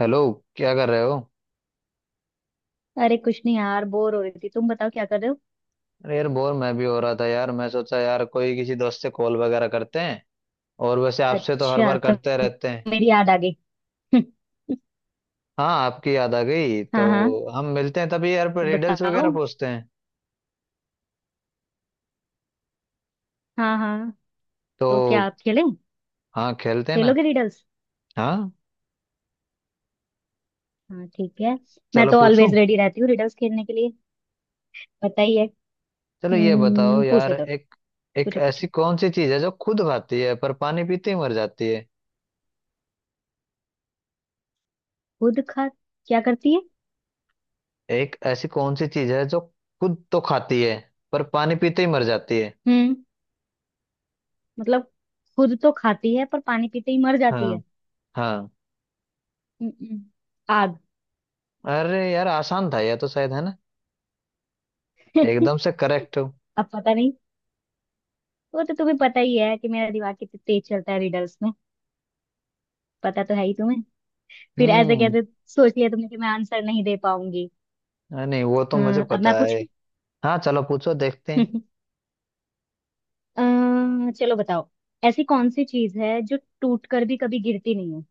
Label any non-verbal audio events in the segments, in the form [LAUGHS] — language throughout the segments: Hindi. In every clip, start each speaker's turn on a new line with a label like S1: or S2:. S1: हेलो। क्या कर रहे हो?
S2: अरे कुछ नहीं यार, बोर हो रही थी। तुम बताओ क्या कर रहे हो।
S1: अरे यार, बोर मैं भी हो रहा था यार। मैं सोचा यार कोई किसी दोस्त से कॉल वगैरह करते हैं। और वैसे आपसे तो हर
S2: अच्छा,
S1: बार
S2: तो
S1: करते रहते हैं।
S2: मेरी याद आ गई। [LAUGHS]
S1: हाँ, आपकी याद आ गई तो।
S2: हाँ हाँ।
S1: हम मिलते हैं तभी यार पर
S2: तो
S1: रिडल्स
S2: बताओ।
S1: वगैरह पूछते हैं।
S2: हाँ हाँ। तो क्या
S1: तो।
S2: आप खेलें,
S1: हाँ, खेलते हैं ना।
S2: खेलोगे रिडल्स?
S1: हाँ।
S2: हाँ ठीक है। मैं
S1: चलो
S2: तो
S1: पूछूं।
S2: ऑलवेज रेडी रहती हूँ रिडल्स खेलने के लिए, पता ही है।
S1: चलो ये बताओ यार,
S2: पूछो तो।
S1: एक। एक
S2: पूछो पूछो।
S1: ऐसी कौन सी चीज है जो खुद खाती है पर पानी पीते ही मर जाती है?
S2: खुद खा क्या करती है?
S1: एक ऐसी कौन सी चीज है जो खुद तो खाती है पर पानी पीते ही मर जाती है?
S2: हम्म, मतलब खुद तो खाती है पर पानी पीते ही मर जाती
S1: हाँ।
S2: है।
S1: हाँ।
S2: हम्म, आग।
S1: अरे यार, आसान था यह तो, शायद, है ना? एकदम
S2: [LAUGHS]
S1: से करेक्ट हो।
S2: अब पता नहीं, वो तो तुम्हें पता ही है कि मेरा दिमाग कितना तेज चलता है रिडल्स में। पता तो है ही तुम्हें, फिर ऐसे
S1: हम्म।
S2: कैसे सोच लिया तुमने कि मैं आंसर नहीं दे पाऊंगी।
S1: अरे नहीं, वो तो
S2: अ,
S1: मुझे
S2: अब मैं
S1: पता है।
S2: पूछूं।
S1: हाँ, चलो पूछो, देखते हैं।
S2: [LAUGHS] चलो बताओ। ऐसी कौन सी चीज है जो टूट कर भी कभी गिरती नहीं है?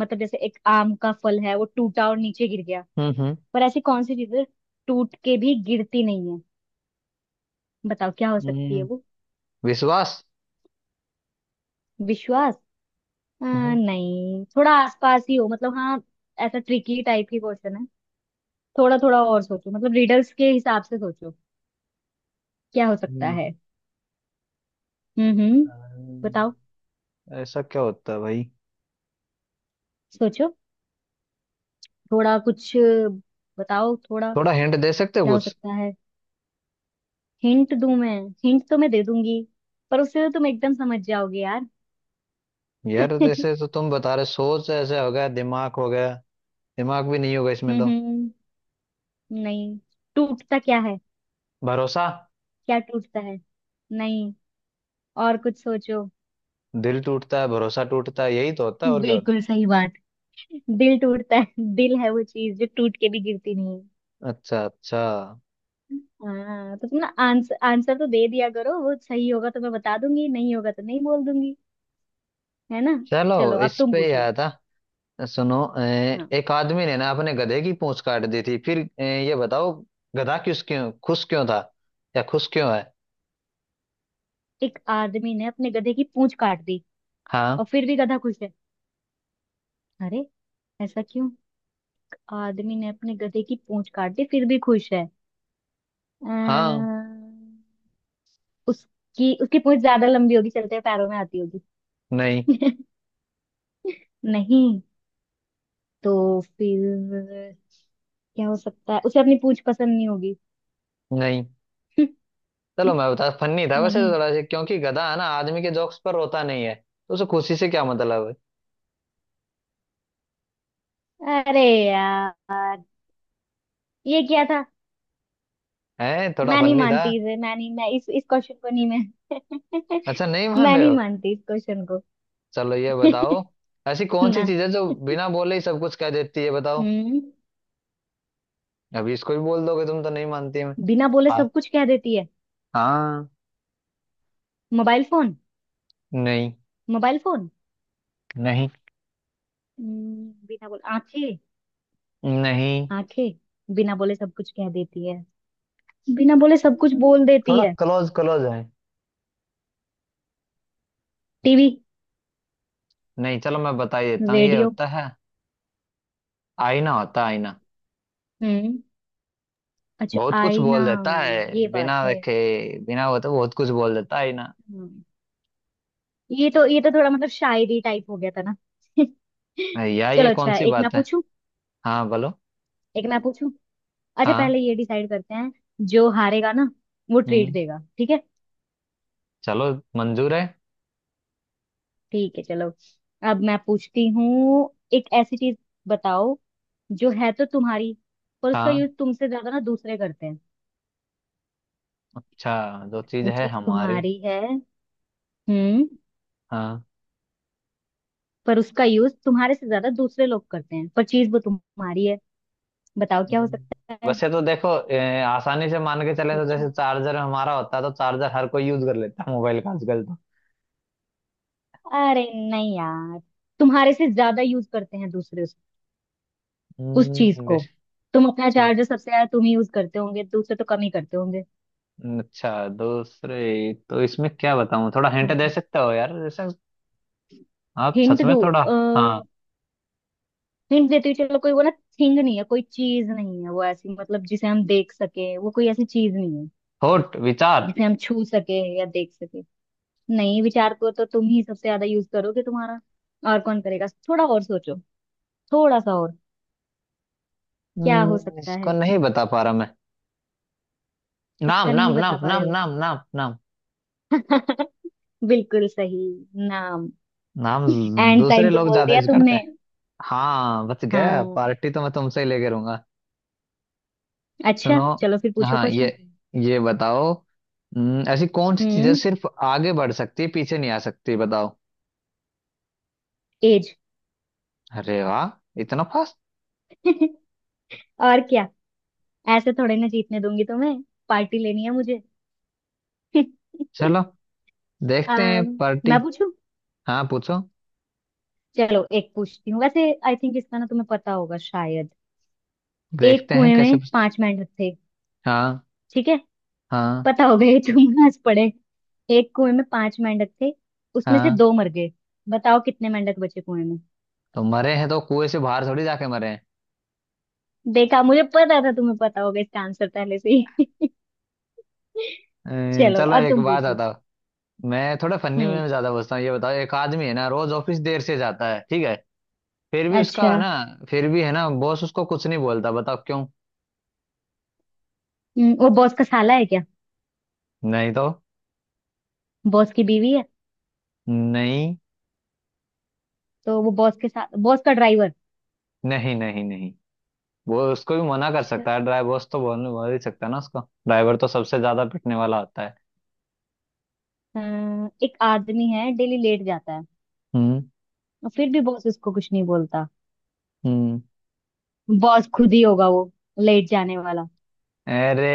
S2: मतलब जैसे एक आम का फल है, वो टूटा और नीचे गिर गया।
S1: हम्म, हम्म।
S2: पर ऐसी कौन सी चीज है, टूट के भी गिरती नहीं है? बताओ क्या हो सकती है
S1: हम्म,
S2: वो।
S1: विश्वास।
S2: विश्वास?
S1: हम्म,
S2: नहीं, थोड़ा आसपास ही हो मतलब। हाँ, ऐसा ट्रिकी टाइप की क्वेश्चन है। थोड़ा थोड़ा और सोचो, मतलब रिडल्स के हिसाब से सोचो। क्या हो सकता
S1: हम्म,
S2: है? हम्म। बताओ,
S1: अरे, ऐसा क्या होता है भाई?
S2: सोचो थोड़ा कुछ। बताओ थोड़ा,
S1: थोड़ा हिंट दे सकते हो
S2: क्या हो
S1: कुछ?
S2: सकता है? हिंट दूं मैं? हिंट तो मैं दे दूंगी, पर उससे तो तुम एकदम समझ जाओगे यार। [LAUGHS]
S1: यार
S2: हम्म।
S1: जैसे तो तुम बता रहे, सोच ऐसे हो गया, दिमाग हो गया। दिमाग भी नहीं होगा इसमें तो।
S2: हम्म, नहीं। टूटता क्या है,
S1: भरोसा।
S2: क्या टूटता है? नहीं, और कुछ सोचो।
S1: दिल टूटता है, भरोसा टूटता है, यही तो होता है, और क्या होता
S2: बिल्कुल सही बात, दिल टूटता है। दिल है वो चीज जो टूट के भी गिरती नहीं है।
S1: है? अच्छा, अच्छा।
S2: हाँ, तो तुम ना आंसर, आंसर तो दे दिया करो। वो सही होगा तो मैं बता दूंगी, नहीं होगा तो नहीं बोल दूंगी। है ना?
S1: चलो।
S2: चलो अब
S1: इस
S2: तुम
S1: पे ही
S2: पूछो।
S1: आया था। सुनो।
S2: हाँ।
S1: एक आदमी ने ना अपने गधे की पूंछ काट दी थी, फिर ये बताओ। गधा किस क्यों खुश क्यों था, या खुश क्यों है?
S2: एक आदमी ने अपने गधे की पूंछ काट दी, और
S1: हाँ।
S2: फिर भी गधा खुश है? अरे, ऐसा क्यों? आदमी ने अपने गधे की पूंछ काट दी फिर भी खुश है।
S1: हाँ।
S2: अम्म, उसकी उसकी पूंछ ज्यादा लंबी होगी, चलते पैरों में आती होगी।
S1: नहीं।
S2: [LAUGHS] नहीं, तो फिर क्या हो सकता है, उसे अपनी पूंछ पसंद नहीं होगी।
S1: नहीं। चलो
S2: [LAUGHS]
S1: मैं बता, फनी था वैसे
S2: नहीं,
S1: तो थोड़ा सा, क्योंकि गधा है ना आदमी के जोक्स पर रोता नहीं है तो उसे खुशी से क्या मतलब।
S2: अरे यार, ये क्या था?
S1: है हैं थोड़ा
S2: मैं नहीं
S1: फनी था।
S2: मानती इसे, मैं नहीं, मैं इस क्वेश्चन को नहीं, मैं। [LAUGHS]
S1: अच्छा, नहीं मान
S2: मैं
S1: रहे
S2: नहीं
S1: हो।
S2: मानती इस क्वेश्चन को।
S1: चलो ये बताओ।
S2: [LAUGHS]
S1: ऐसी
S2: [LAUGHS]
S1: कौन सी
S2: ना।
S1: चीज है जो बिना बोले ही सब कुछ कह देती है? बताओ।
S2: हम्म।
S1: अभी इसको भी बोल दोगे तुम, तो नहीं मानती मैं।
S2: बिना बोले
S1: हाँ।
S2: सब कुछ कह देती है।
S1: हाँ।
S2: Mobile phone?
S1: नहीं।
S2: Mobile phone?
S1: नहीं।
S2: बिना बोले, आंखें?
S1: नहीं।
S2: आंखें, बिना बोले सब कुछ कह देती है, बिना बोले सब कुछ बोल देती
S1: थोड़ा
S2: है।
S1: क्लोज क्लोज है।
S2: टीवी?
S1: नहीं, चलो मैं बता ही देता हूँ, ये
S2: रेडियो?
S1: होता है। आईना होता है, आईना।
S2: हम्म, अच्छा,
S1: बहुत कुछ
S2: आईना,
S1: बोल देता है
S2: ये बात
S1: बिना
S2: है।
S1: देखे। बिना वो तो बहुत कुछ बोल देता है आईना।
S2: हम्म, ये तो थोड़ा मतलब शायरी टाइप हो गया था ना। [LAUGHS]
S1: यार ये
S2: चलो
S1: कौन
S2: अच्छा,
S1: सी
S2: एक मैं
S1: बात है।
S2: पूछूं।
S1: हाँ बोलो।
S2: एक मैं पूछूं, अच्छा
S1: हाँ।
S2: पहले ये डिसाइड करते हैं, जो हारेगा ना वो ट्रीट
S1: हम्म।
S2: देगा, ठीक है?
S1: चलो। मंजूर है।
S2: ठीक है चलो। अब मैं पूछती हूँ, एक ऐसी चीज बताओ जो है तो तुम्हारी, पर उसका
S1: हाँ।
S2: यूज तुमसे ज्यादा ना दूसरे करते हैं।
S1: अच्छा, जो चीज
S2: वो
S1: है
S2: चीज
S1: हमारी।
S2: तुम्हारी है हम्म,
S1: हाँ।
S2: पर उसका यूज तुम्हारे से ज्यादा दूसरे लोग करते हैं, पर चीज वो तुम्हारी है। बताओ क्या हो
S1: हम्म।
S2: सकता है।
S1: वैसे तो देखो, आसानी से मान के चले तो
S2: कुछ,
S1: जैसे चार्जर हमारा होता तो चार्जर हर कोई यूज कर लेता मोबाइल का आजकल तो।
S2: अरे नहीं यार, तुम्हारे से ज्यादा यूज करते हैं दूसरे उस चीज
S1: हम्म,
S2: को।
S1: बेशक।
S2: तुम अपना चार्जर सबसे ज्यादा तुम ही यूज करते होंगे, दूसरे तो कम ही करते होंगे।
S1: अच्छा, दूसरे तो इसमें क्या बताऊं, थोड़ा हिंट
S2: हाँ,
S1: दे सकते हो यार, जैसे। आप
S2: हिंट
S1: सच में,
S2: दूँ?
S1: थोड़ा। हाँ।
S2: हिंट देती हूँ, चलो, कोई वो ना, थिंग नहीं है, कोई चीज नहीं है वो ऐसी, मतलब जिसे हम देख सके, वो कोई ऐसी चीज नहीं है
S1: थॉट, विचार।
S2: जिसे हम छू सके या देख सके। नहीं, विचार को तो तुम ही सबसे ज्यादा यूज करोगे तुम्हारा, और कौन करेगा? थोड़ा और सोचो, थोड़ा सा और। क्या हो सकता
S1: इसको
S2: है?
S1: नहीं बता पा रहा मैं। नाम,
S2: इसका
S1: नाम,
S2: नहीं बता
S1: नाम,
S2: पा रहे
S1: नाम,
S2: हो?
S1: नाम, नाम, नाम,
S2: [LAUGHS] बिल्कुल सही, नाम।
S1: नाम।
S2: एंड टाइम
S1: दूसरे
S2: तो
S1: लोग
S2: बोल
S1: ज्यादा
S2: दिया
S1: यूज करते
S2: तुमने।
S1: हैं। हाँ, बच गया।
S2: हाँ,
S1: पार्टी तो मैं तुमसे ही लेके रहूंगा।
S2: अच्छा
S1: सुनो।
S2: चलो फिर पूछो
S1: हाँ, ये।
S2: क्वेश्चन।
S1: ये बताओ। ऐसी कौन सी चीजें
S2: हम्म।
S1: सिर्फ आगे बढ़ सकती है पीछे नहीं आ सकती? बताओ।
S2: एज।
S1: अरे वाह, इतना फास्ट।
S2: [LAUGHS] और क्या, ऐसे थोड़े ना जीतने दूंगी तुम्हें, पार्टी लेनी है मुझे। [LAUGHS]
S1: चलो।
S2: आ,
S1: देखते हैं पार्टी।
S2: मैं पूछूं?
S1: हाँ पूछो।
S2: चलो एक पूछती हूँ, वैसे आई थिंक इसका ना तुम्हें पता होगा शायद। एक
S1: देखते हैं
S2: कुएं
S1: कैसे।
S2: में पांच मेंढक थे,
S1: हाँ।
S2: ठीक है?
S1: हाँ।
S2: पता होगा ये, तुम आज पढ़े। एक कुएं में पांच मेंढक थे, उसमें से
S1: हाँ।
S2: दो मर गए। बताओ कितने मेंढक बचे कुएं में।
S1: तो मरे हैं तो कुएं से बाहर थोड़ी जाके मरे हैं।
S2: देखा, मुझे पता था तुम्हें पता होगा इसका आंसर पहले से ही। [LAUGHS] चलो
S1: चलो
S2: अब
S1: एक
S2: तुम
S1: बात
S2: पूछो।
S1: बताओ। मैं थोड़ा फनी
S2: हम्म।
S1: में ज्यादा पूछता हूँ, ये बताओ, एक आदमी है ना रोज ऑफिस देर से जाता है, ठीक है। फिर भी उसका
S2: अच्छा।
S1: है ना। फिर भी है ना, बॉस उसको कुछ नहीं बोलता, बताओ क्यों?
S2: वो बॉस का साला है क्या?
S1: नहीं तो।
S2: बॉस की बीवी है?
S1: नहीं।
S2: तो वो बॉस के साथ, बॉस का ड्राइवर?
S1: नहीं, नहीं, नहीं। वो उसको भी मना कर
S2: अच्छा।
S1: सकता है ड्राइवर, बॉस तो बोल बोल ही सकता है ना उसको। ड्राइवर तो सबसे ज्यादा पिटने वाला होता है।
S2: एक आदमी है डेली लेट जाता है,
S1: हम्म,
S2: और फिर भी बॉस उसको कुछ नहीं बोलता।
S1: हम्म।
S2: बॉस खुद ही होगा वो, लेट जाने वाला।
S1: अरे।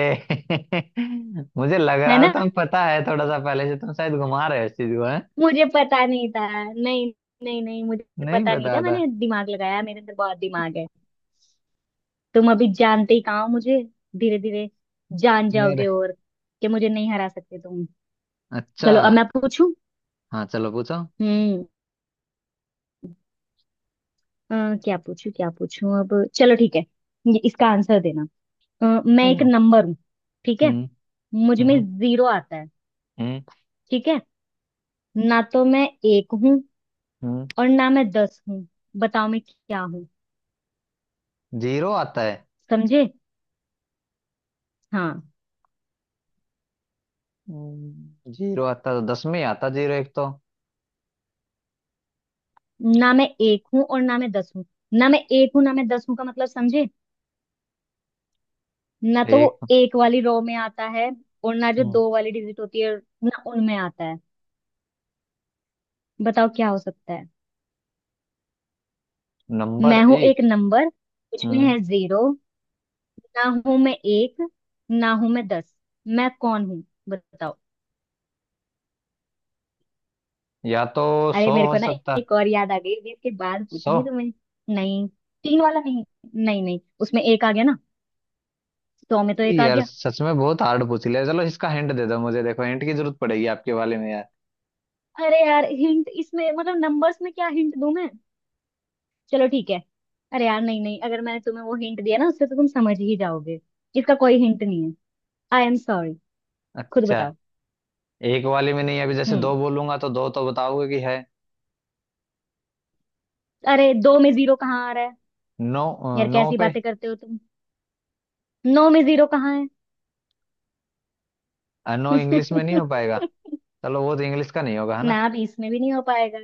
S1: [LAUGHS] मुझे लग
S2: है
S1: रहा था
S2: ना?
S1: तुम पता है थोड़ा सा पहले से, तुम शायद घुमा रहे हो इस चीज को, है?
S2: मुझे पता नहीं था। नहीं, नहीं मुझे
S1: नहीं
S2: पता नहीं
S1: पता
S2: था,
S1: था।
S2: मैंने दिमाग लगाया, मेरे अंदर बहुत दिमाग है। तुम अभी जानते ही कहाँ हो मुझे। धीरे धीरे जान
S1: अरे।
S2: जाओगे, और कि मुझे नहीं हरा सकते तुम।
S1: अच्छा।
S2: चलो अब मैं पूछूं।
S1: हाँ, चलो पूछो।
S2: हम्म। क्या पूछूं क्या पूछूं, अब चलो ठीक है, ये इसका आंसर देना। मैं एक
S1: चलो।
S2: नंबर हूँ, ठीक है?
S1: हम्म।
S2: मुझ में
S1: हम्म।
S2: जीरो आता है,
S1: हम्म।
S2: ठीक है? ना तो मैं एक हूं
S1: हम्म।
S2: और ना मैं दस हूं। बताओ मैं क्या हूं।
S1: जीरो आता है।
S2: समझे? हाँ।
S1: जीरो आता तो दस में ही आता, जीरो एक तो।
S2: ना मैं एक हूं और ना मैं 10 हूं। ना मैं एक हूं ना मैं 10 हूं का मतलब समझे। ना तो वो
S1: एक।
S2: एक वाली रो में आता है, और ना जो
S1: हम्म,
S2: दो वाली डिजिट होती है ना उनमें आता है। बताओ क्या हो सकता है।
S1: नंबर
S2: मैं हूं
S1: एक।
S2: एक नंबर, मुझमें
S1: हम्म।
S2: है जीरो, ना हूं मैं एक, ना हूं मैं दस, मैं कौन हूं? बताओ।
S1: या तो।
S2: अरे
S1: सौ
S2: मेरे
S1: हो
S2: को ना,
S1: सकता।
S2: एक और याद आ गई, अभी इसके बाद
S1: सौ।
S2: पूछूंगी तुम्हें। नहीं, तीन वाला नहीं, नहीं नहीं उसमें एक आ गया ना, 100 में तो एक आ
S1: यार
S2: गया।
S1: सच में बहुत हार्ड पूछ लिया, चलो इसका हिंट दे दो मुझे, देखो हिंट की जरूरत पड़ेगी आपके वाले में यार।
S2: अरे यार, हिंट इसमें मतलब नंबर्स में क्या हिंट दूं मैं? चलो ठीक है, अरे यार नहीं नहीं, अगर मैंने तुम्हें वो हिंट दिया ना, उससे तो तुम समझ ही जाओगे। इसका कोई हिंट नहीं है, आई एम सॉरी। खुद
S1: अच्छा।
S2: बताओ।
S1: एक वाले में नहीं, अभी जैसे दो
S2: हम्म।
S1: बोलूंगा तो दो तो बताओगे कि है।
S2: अरे दो में जीरो कहाँ आ रहा है?
S1: नो।
S2: यार
S1: नो
S2: कैसी
S1: पे।
S2: बातें करते हो तुम। नौ में जीरो कहाँ है?
S1: नो इंग्लिश में नहीं हो पाएगा।
S2: [LAUGHS]
S1: चलो, वो तो इंग्लिश का नहीं होगा, है ना?
S2: ना 20 में भी नहीं हो पाएगा,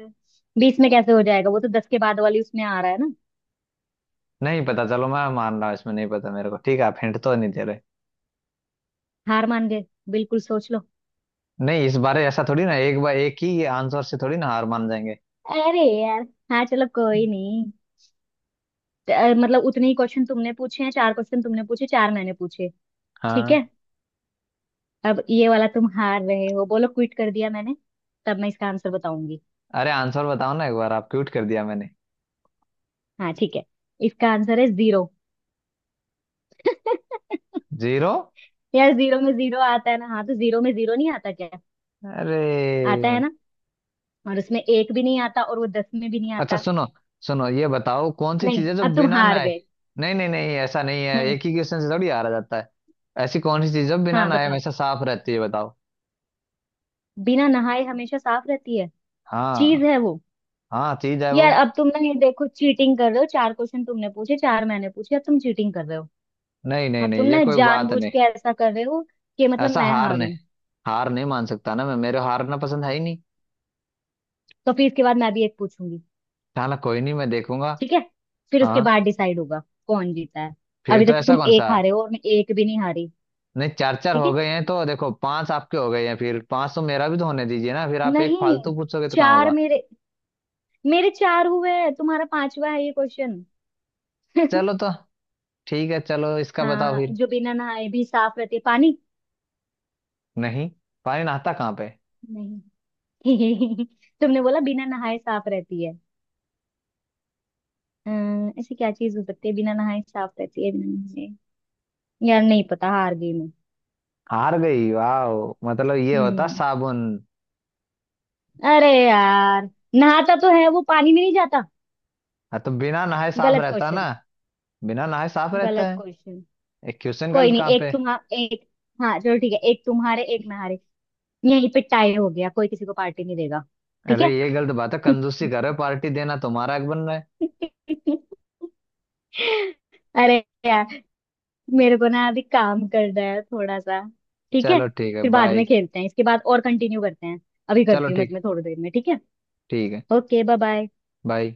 S2: 20 में कैसे हो जाएगा, वो तो 10 के बाद वाली उसमें आ रहा है ना।
S1: नहीं पता, चलो मैं मान रहा हूँ इसमें नहीं पता मेरे को, ठीक है, आप हिंट तो नहीं दे रहे।
S2: हार मान गए? बिल्कुल सोच लो।
S1: नहीं, इस बारे ऐसा थोड़ी ना, एक बार एक ही आंसर से थोड़ी ना हार मान जाएंगे।
S2: अरे यार, हाँ चलो कोई नहीं। मतलब उतने ही क्वेश्चन तुमने पूछे हैं, चार क्वेश्चन तुमने पूछे, चार मैंने पूछे, ठीक
S1: हाँ।
S2: है? अब ये वाला तुम हार रहे हो, बोलो क्विट कर दिया मैंने, तब मैं इसका आंसर बताऊंगी।
S1: अरे आंसर बताओ ना एक बार, आप क्यूट कर दिया मैंने।
S2: हाँ ठीक है, इसका आंसर है जीरो। [LAUGHS]
S1: जीरो।
S2: यार जीरो में जीरो आता है ना, हाँ तो जीरो में जीरो नहीं आता क्या?
S1: अरे।
S2: आता है ना, और उसमें एक भी नहीं आता और वो 10 में भी नहीं
S1: अच्छा
S2: आता।
S1: सुनो। सुनो ये बताओ, कौन सी
S2: नहीं,
S1: चीज है जो
S2: अब तुम
S1: बिना
S2: हार
S1: नहाए।
S2: गए।
S1: नहीं, नहीं, नहीं, ऐसा नहीं है,
S2: हम्म।
S1: एक ही क्वेश्चन से थोड़ी हारा जाता है। ऐसी कौन सी चीज है जो बिना
S2: हाँ
S1: नहाए
S2: बताओ।
S1: हमेशा साफ रहती है? बताओ।
S2: बिना नहाए हमेशा साफ रहती है, चीज
S1: हाँ।
S2: है वो?
S1: हाँ, चीज है वो।
S2: यार अब तुम ना ये देखो चीटिंग कर रहे हो, चार क्वेश्चन तुमने पूछे चार मैंने पूछे, अब तुम चीटिंग कर रहे हो।
S1: नहीं, नहीं,
S2: अब तुम
S1: नहीं, ये
S2: ना
S1: कोई बात
S2: जानबूझ
S1: नहीं।
S2: के ऐसा कर रहे हो कि मतलब
S1: ऐसा
S2: मैं
S1: हार नहीं।
S2: हारूं।
S1: हार नहीं मान सकता ना मैं, मेरे को हारना पसंद है ही नहीं।
S2: तो फिर इसके बाद मैं भी एक पूछूंगी,
S1: चलो कोई नहीं, मैं देखूंगा।
S2: ठीक है? फिर उसके
S1: हाँ।
S2: बाद डिसाइड होगा कौन जीता है।
S1: फिर
S2: अभी
S1: तो
S2: तक
S1: ऐसा
S2: तुम
S1: कौन सा।
S2: एक हारे हो और मैं एक भी नहीं हारी।
S1: नहीं, चार चार
S2: ठीक
S1: हो
S2: है।
S1: गए हैं तो देखो, पांच आपके हो गए हैं, फिर पांच तो मेरा भी तो होने दीजिए ना, फिर आप एक
S2: नहीं,
S1: फालतू पूछोगे तो कहाँ
S2: चार
S1: होगा।
S2: मेरे, मेरे चार हुए हैं, तुम्हारा पांचवा है ये क्वेश्चन। [LAUGHS]
S1: चलो तो। ठीक है, चलो इसका बताओ
S2: हाँ,
S1: फिर।
S2: जो बिना नहाए भी साफ रहती है, पानी।
S1: नहीं। पानी नहाता कहाँ पे?
S2: नहीं? [LAUGHS] तुमने बोला बिना नहाए साफ रहती है। ऐसी क्या चीज हो सकती है बिना नहाए साफ रहती है, बिना नहाए? यार नहीं पता, हार गई मैं।
S1: हार गई वाह। मतलब ये होता,
S2: हम्म,
S1: साबुन।
S2: अरे यार, नहाता तो है वो, पानी में नहीं जाता।
S1: हाँ तो बिना नहाए साफ
S2: गलत
S1: रहता ना।
S2: क्वेश्चन।
S1: बिना नहाए साफ रहता
S2: गलत
S1: है।
S2: क्वेश्चन।
S1: ये क्वेश्चन
S2: कोई
S1: गलत
S2: नहीं,
S1: कहाँ
S2: एक
S1: पे?
S2: तुम्हारा एक, हाँ चलो ठीक है, एक तुम्हारे एक नहारे यहीं पे टाई हो गया, कोई किसी को पार्टी नहीं देगा, ठीक
S1: अरे
S2: है।
S1: ये गलत बात है,
S2: [LAUGHS]
S1: कंजूसी कर रहे हो, पार्टी देना तुम्हारा हक बन रहा है।
S2: अरे यार, मेरे को ना अभी काम करना है थोड़ा सा, ठीक है?
S1: चलो ठीक है,
S2: फिर बाद
S1: बाय।
S2: में खेलते हैं, इसके बाद और कंटिन्यू करते हैं। अभी
S1: चलो
S2: करती हूँ मैं
S1: ठीक है।
S2: तुम्हें थोड़ी देर में, ठीक है?
S1: ठीक है।
S2: Okay, bye bye.
S1: बाय।